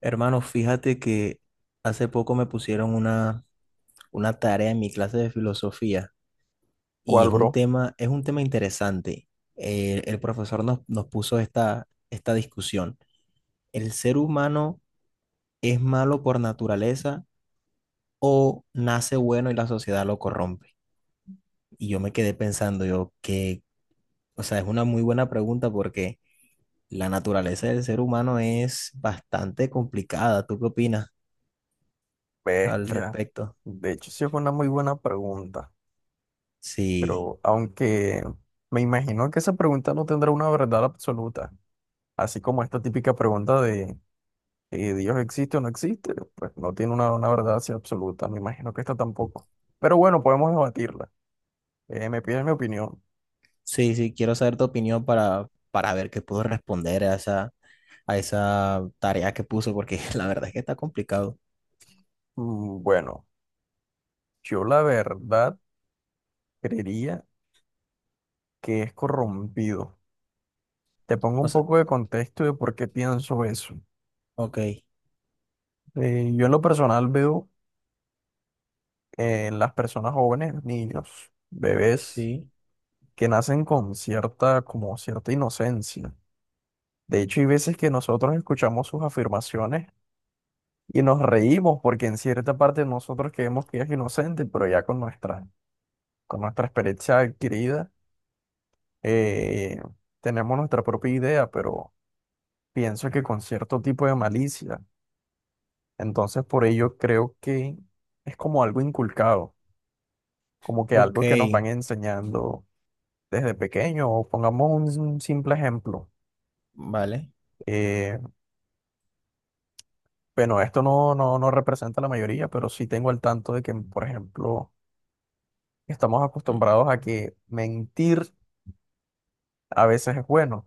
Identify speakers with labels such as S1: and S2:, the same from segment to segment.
S1: Hermano, fíjate que hace poco me pusieron una tarea en mi clase de filosofía y
S2: ¿Cuál, bro?
S1: es un tema interesante. El profesor nos puso esta discusión. ¿El ser humano es malo por naturaleza o nace bueno y la sociedad lo corrompe? Y yo me quedé pensando, yo que, o sea, es una muy buena pregunta porque la naturaleza del ser humano es bastante complicada. ¿Tú qué opinas al
S2: Bestia.
S1: respecto?
S2: De hecho, sí fue una muy buena pregunta,
S1: Sí.
S2: pero aunque me imagino que esa pregunta no tendrá una verdad absoluta, así como esta típica pregunta de ¿Dios existe o no existe? Pues no tiene una verdad así absoluta, me imagino que esta tampoco. Pero bueno, podemos debatirla. Me pides mi opinión.
S1: Sí, sí, quiero saber tu opinión para ver qué puedo responder a esa tarea que puso, porque la verdad es que está complicado.
S2: Mm, bueno, yo la verdad creería que es corrompido. Te pongo
S1: O
S2: un
S1: sea,
S2: poco de contexto de por qué pienso eso.
S1: ok,
S2: Yo en lo personal veo las personas jóvenes, niños, bebés,
S1: sí,
S2: que nacen con cierta, como cierta inocencia. De hecho, hay veces que nosotros escuchamos sus afirmaciones y nos reímos porque en cierta parte nosotros creemos que es inocente, pero ya con con nuestra experiencia adquirida, eh, tenemos nuestra propia idea, pero pienso que con cierto tipo de malicia. Entonces, por ello creo que es como algo inculcado, como que
S1: ok,
S2: algo que nos van enseñando desde pequeño, o pongamos un, simple ejemplo.
S1: vale.
S2: eh, bueno, esto no representa la mayoría, pero sí tengo al tanto de que, por ejemplo, estamos
S1: Mm,
S2: acostumbrados a que mentir a veces es bueno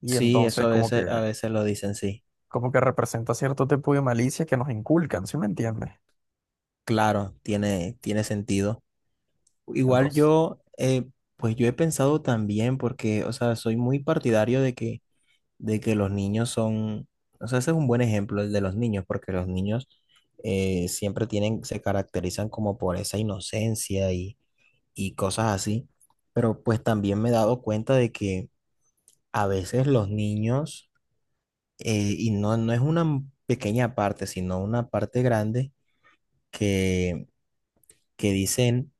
S2: y
S1: sí, eso
S2: entonces
S1: a veces lo dicen, sí.
S2: como que representa cierto tipo de malicia que nos inculcan, ¿sí me entiendes?
S1: Claro, tiene, tiene sentido. Igual
S2: Entonces,
S1: yo, pues yo he pensado también, porque, o sea, soy muy partidario de que los niños son, o sea, ese es un buen ejemplo el de los niños, porque los niños siempre tienen, se caracterizan como por esa inocencia y cosas así, pero pues también me he dado cuenta de que a veces los niños, y no, no es una pequeña parte, sino una parte grande, que, que dicen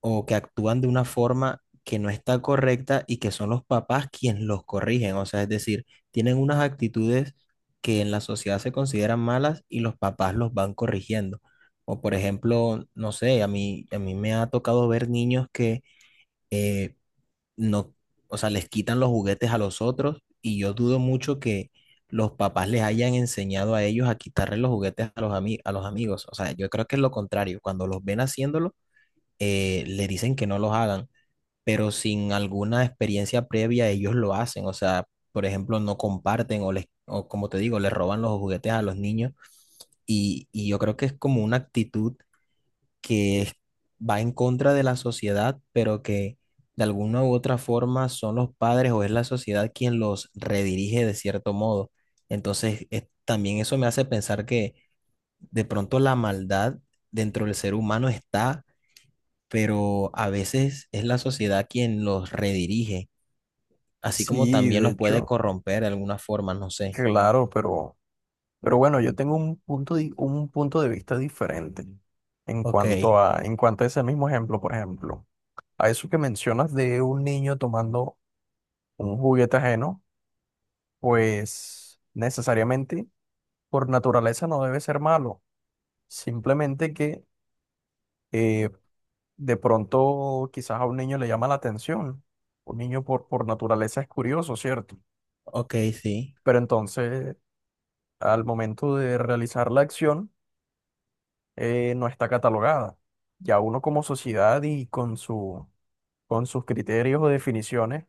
S1: o que actúan de una forma que no está correcta y que son los papás quienes los corrigen. O sea, es decir, tienen unas actitudes que en la sociedad se consideran malas y los papás los van corrigiendo. O por ejemplo, no sé, a mí me ha tocado ver niños que eh, no, o sea, les quitan los juguetes a los otros y yo dudo mucho que los papás les hayan enseñado a ellos a quitarle los juguetes a los a los amigos. O sea, yo creo que es lo contrario. Cuando los ven haciéndolo, le dicen que no los hagan, pero sin alguna experiencia previa ellos lo hacen. O sea, por ejemplo, no comparten o les, o como te digo, les roban los juguetes a los niños. Y yo creo que es como una actitud que va en contra de la sociedad, pero que de alguna u otra forma son los padres o es la sociedad quien los redirige de cierto modo. Entonces, también eso me hace pensar que de pronto la maldad dentro del ser humano está, pero a veces es la sociedad quien los redirige, así como
S2: sí,
S1: también
S2: de
S1: los puede
S2: hecho,
S1: corromper de alguna forma, no sé.
S2: claro, pero bueno, yo tengo un punto, un punto de vista diferente
S1: Ok,
S2: en cuanto a ese mismo ejemplo, por ejemplo. A eso que mencionas de un niño tomando un juguete ajeno, pues necesariamente por naturaleza no debe ser malo. Simplemente que eh, de pronto quizás a un niño le llama la atención. Un niño por naturaleza es curioso, ¿cierto?
S1: ok, sí,
S2: Pero entonces al momento de realizar la acción no está catalogada. Ya uno como sociedad y con con sus criterios o definiciones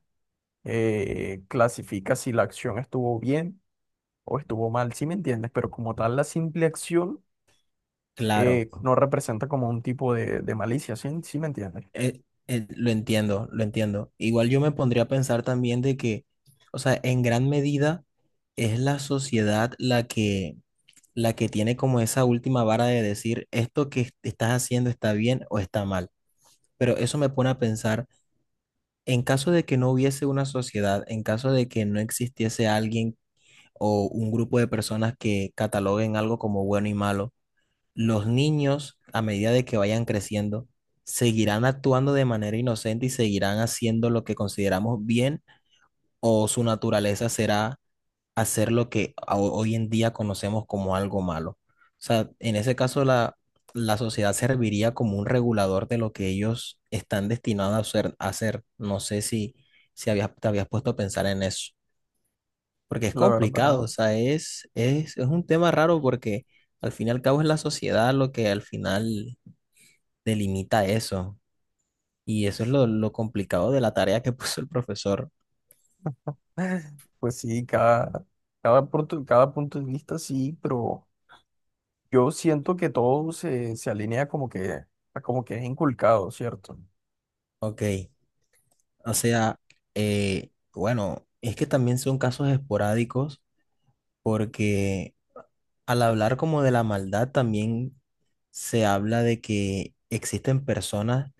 S2: clasifica si la acción estuvo bien o estuvo mal, sí me entiendes, pero como tal la simple acción
S1: claro.
S2: no representa como un tipo de malicia, ¿sí? ¿Sí me entiendes?
S1: Eh, lo entiendo, lo entiendo. Igual yo me pondría a pensar también de que, o sea, en gran medida es la sociedad la que tiene como esa última vara de decir esto que estás haciendo está bien o está mal. Pero eso me pone a pensar, en caso de que no hubiese una sociedad, en caso de que no existiese alguien o un grupo de personas que cataloguen algo como bueno y malo, los niños, a medida de que vayan creciendo, seguirán actuando de manera inocente y seguirán haciendo lo que consideramos bien o su naturaleza será hacer lo que hoy en día conocemos como algo malo. O sea, en ese caso la, la sociedad serviría como un regulador de lo que ellos están destinados a hacer. A hacer. No sé si, si habías, te habías puesto a pensar en eso. Porque es
S2: La
S1: complicado,
S2: verdad,
S1: o sea, es un tema raro porque al fin y al cabo es la sociedad lo que al final delimita eso. Y eso es lo complicado de la tarea que puso el profesor.
S2: pues sí, punto, cada punto de vista sí, pero yo siento que todo se alinea como que, a como que es inculcado, ¿cierto?
S1: Ok, o sea, bueno, es que también son casos esporádicos porque al hablar como de la maldad, también se habla de que existen personas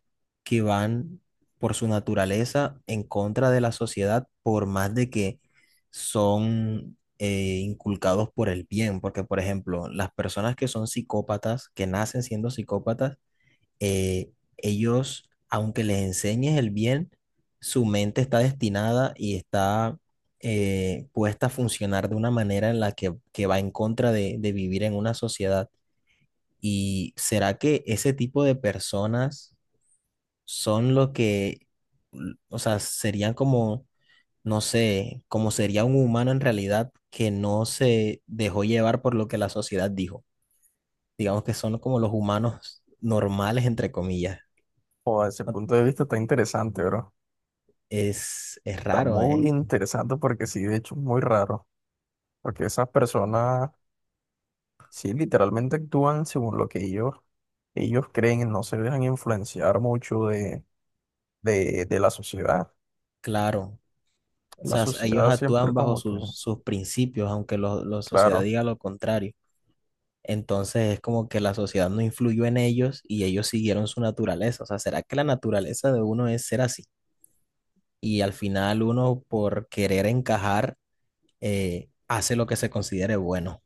S1: que van por su naturaleza en contra de la sociedad, por más de que son inculcados por el bien. Porque, por ejemplo, las personas que son psicópatas, que nacen siendo psicópatas, eh, ellos, aunque les enseñes el bien, su mente está destinada y está puesta a funcionar de una manera en la que va en contra de vivir en una sociedad. ¿Y será que ese tipo de personas son lo que, o sea, serían como, no sé, como sería un humano en realidad que no se dejó llevar por lo que la sociedad dijo? Digamos que son como los humanos normales, entre comillas.
S2: O ese
S1: ¿No?
S2: punto de vista está interesante, bro.
S1: Es, es
S2: Está
S1: raro,
S2: muy
S1: ¿eh?
S2: interesante porque sí, de hecho, es muy raro, porque esas personas sí, literalmente actúan según lo que ellos creen, no se dejan influenciar mucho de la sociedad.
S1: Claro. O
S2: La
S1: sea, ellos
S2: sociedad siempre
S1: actúan bajo
S2: como que,
S1: sus, sus principios, aunque la sociedad
S2: claro,
S1: diga lo contrario. Entonces es como que la sociedad no influyó en ellos y ellos siguieron su naturaleza. O sea, ¿será que la naturaleza de uno es ser así? Y al final uno, por querer encajar, hace lo que se considere bueno.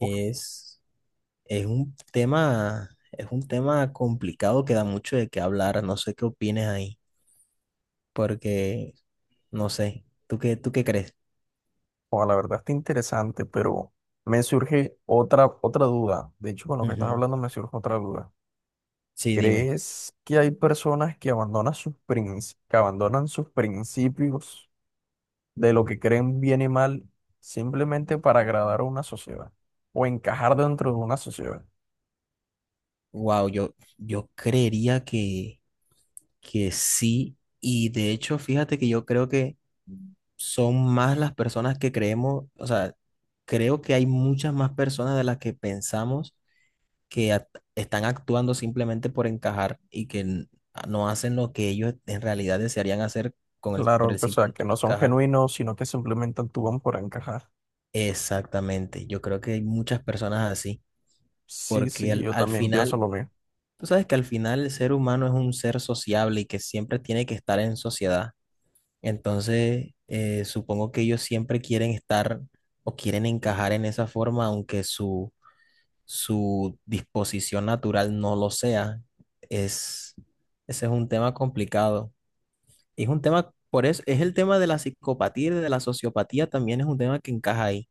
S2: uf,
S1: es un tema complicado que da mucho de qué hablar. No sé qué opines ahí. Porque no sé. Tú qué crees?
S2: o la verdad está interesante, pero me surge otra duda. De hecho, con lo que estás
S1: Ujú.
S2: hablando me surge otra duda.
S1: Sí, dime.
S2: ¿Crees que hay personas que abandonan sus que abandonan sus principios de lo que creen bien y mal simplemente para agradar a una sociedad o encajar dentro de una sociedad?
S1: Wow, yo creería que sí. Y de hecho, fíjate que yo creo que son más las personas que creemos, o sea, creo que hay muchas más personas de las que pensamos que están actuando simplemente por encajar y que no hacen lo que ellos en realidad desearían hacer con el, por
S2: Claro,
S1: el
S2: o
S1: simple
S2: sea, que
S1: hecho de
S2: no son
S1: encajar.
S2: genuinos, sino que simplemente actúan por encajar.
S1: Exactamente, yo creo que hay muchas personas así.
S2: Sí,
S1: Porque
S2: sí,
S1: al,
S2: yo
S1: al
S2: también pienso
S1: final,
S2: lo mismo.
S1: tú sabes que al final el ser humano es un ser sociable y que siempre tiene que estar en sociedad. Entonces, supongo que ellos siempre quieren estar o quieren encajar en esa forma, aunque su disposición natural no lo sea. Es, ese es un tema complicado. Es un tema, por eso, es el tema de la psicopatía y de la sociopatía también es un tema que encaja ahí.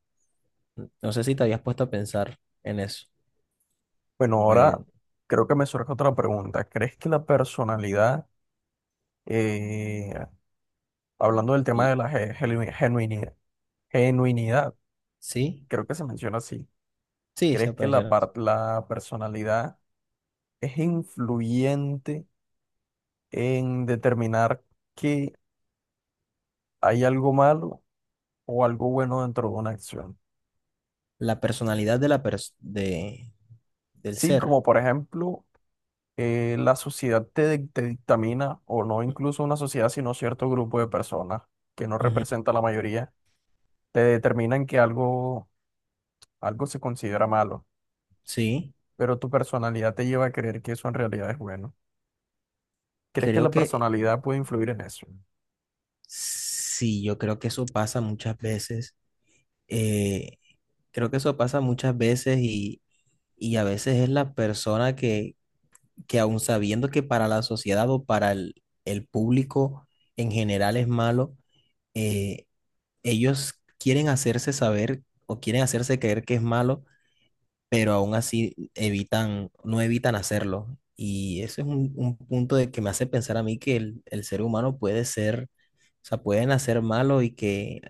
S1: No sé si te habías puesto a pensar en eso.
S2: Bueno,
S1: Eh,
S2: ahora creo que me surge otra pregunta. ¿Crees que la personalidad, eh, hablando del tema
S1: l-
S2: de la genuinidad, genuinidad,
S1: sí,
S2: creo que se menciona así,
S1: sí, se
S2: ¿crees que
S1: puede.
S2: la, la personalidad es influyente en determinar que hay algo malo o algo bueno dentro de una acción?
S1: La personalidad de la de, del
S2: Sí,
S1: ser.
S2: como por ejemplo... la sociedad te, te dictamina, o no incluso una sociedad, sino cierto grupo de personas que no
S1: Ujú.
S2: representa la mayoría, te determinan que algo se considera malo,
S1: Sí,
S2: pero tu personalidad te lleva a creer que eso en realidad es bueno. ¿Crees que
S1: creo
S2: la
S1: que
S2: personalidad puede influir en eso?
S1: sí, yo creo que eso pasa muchas veces. eh, Creo que eso pasa muchas veces y a veces es la persona que aun sabiendo que para la sociedad o para el público en general es malo, eh, ellos quieren hacerse saber o quieren hacerse creer que es malo, pero aún así evitan, no evitan hacerlo. Y eso es un punto de que me hace pensar a mí que el ser humano puede ser, o sea, puede nacer malo y que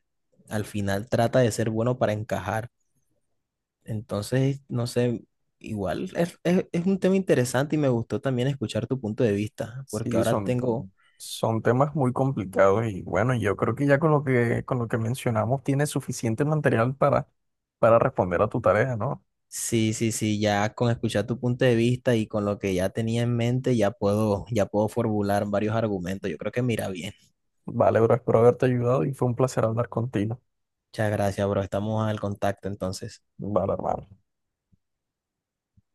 S1: al final trata de ser bueno para encajar. Entonces, no sé, igual es un tema interesante y me gustó también escuchar tu punto de vista, porque
S2: Sí,
S1: ahora tengo,
S2: son temas muy complicados y bueno, yo creo que ya con con lo que mencionamos tienes suficiente material para responder a tu tarea, ¿no?
S1: sí, sí, sí, ya con escuchar tu punto de vista y con lo que ya tenía en mente, ya puedo formular varios argumentos. Yo creo que mira bien.
S2: Vale, bro, espero haberte ayudado y fue un placer hablar contigo.
S1: Muchas gracias, bro. Estamos al contacto entonces.
S2: Vale, hermano.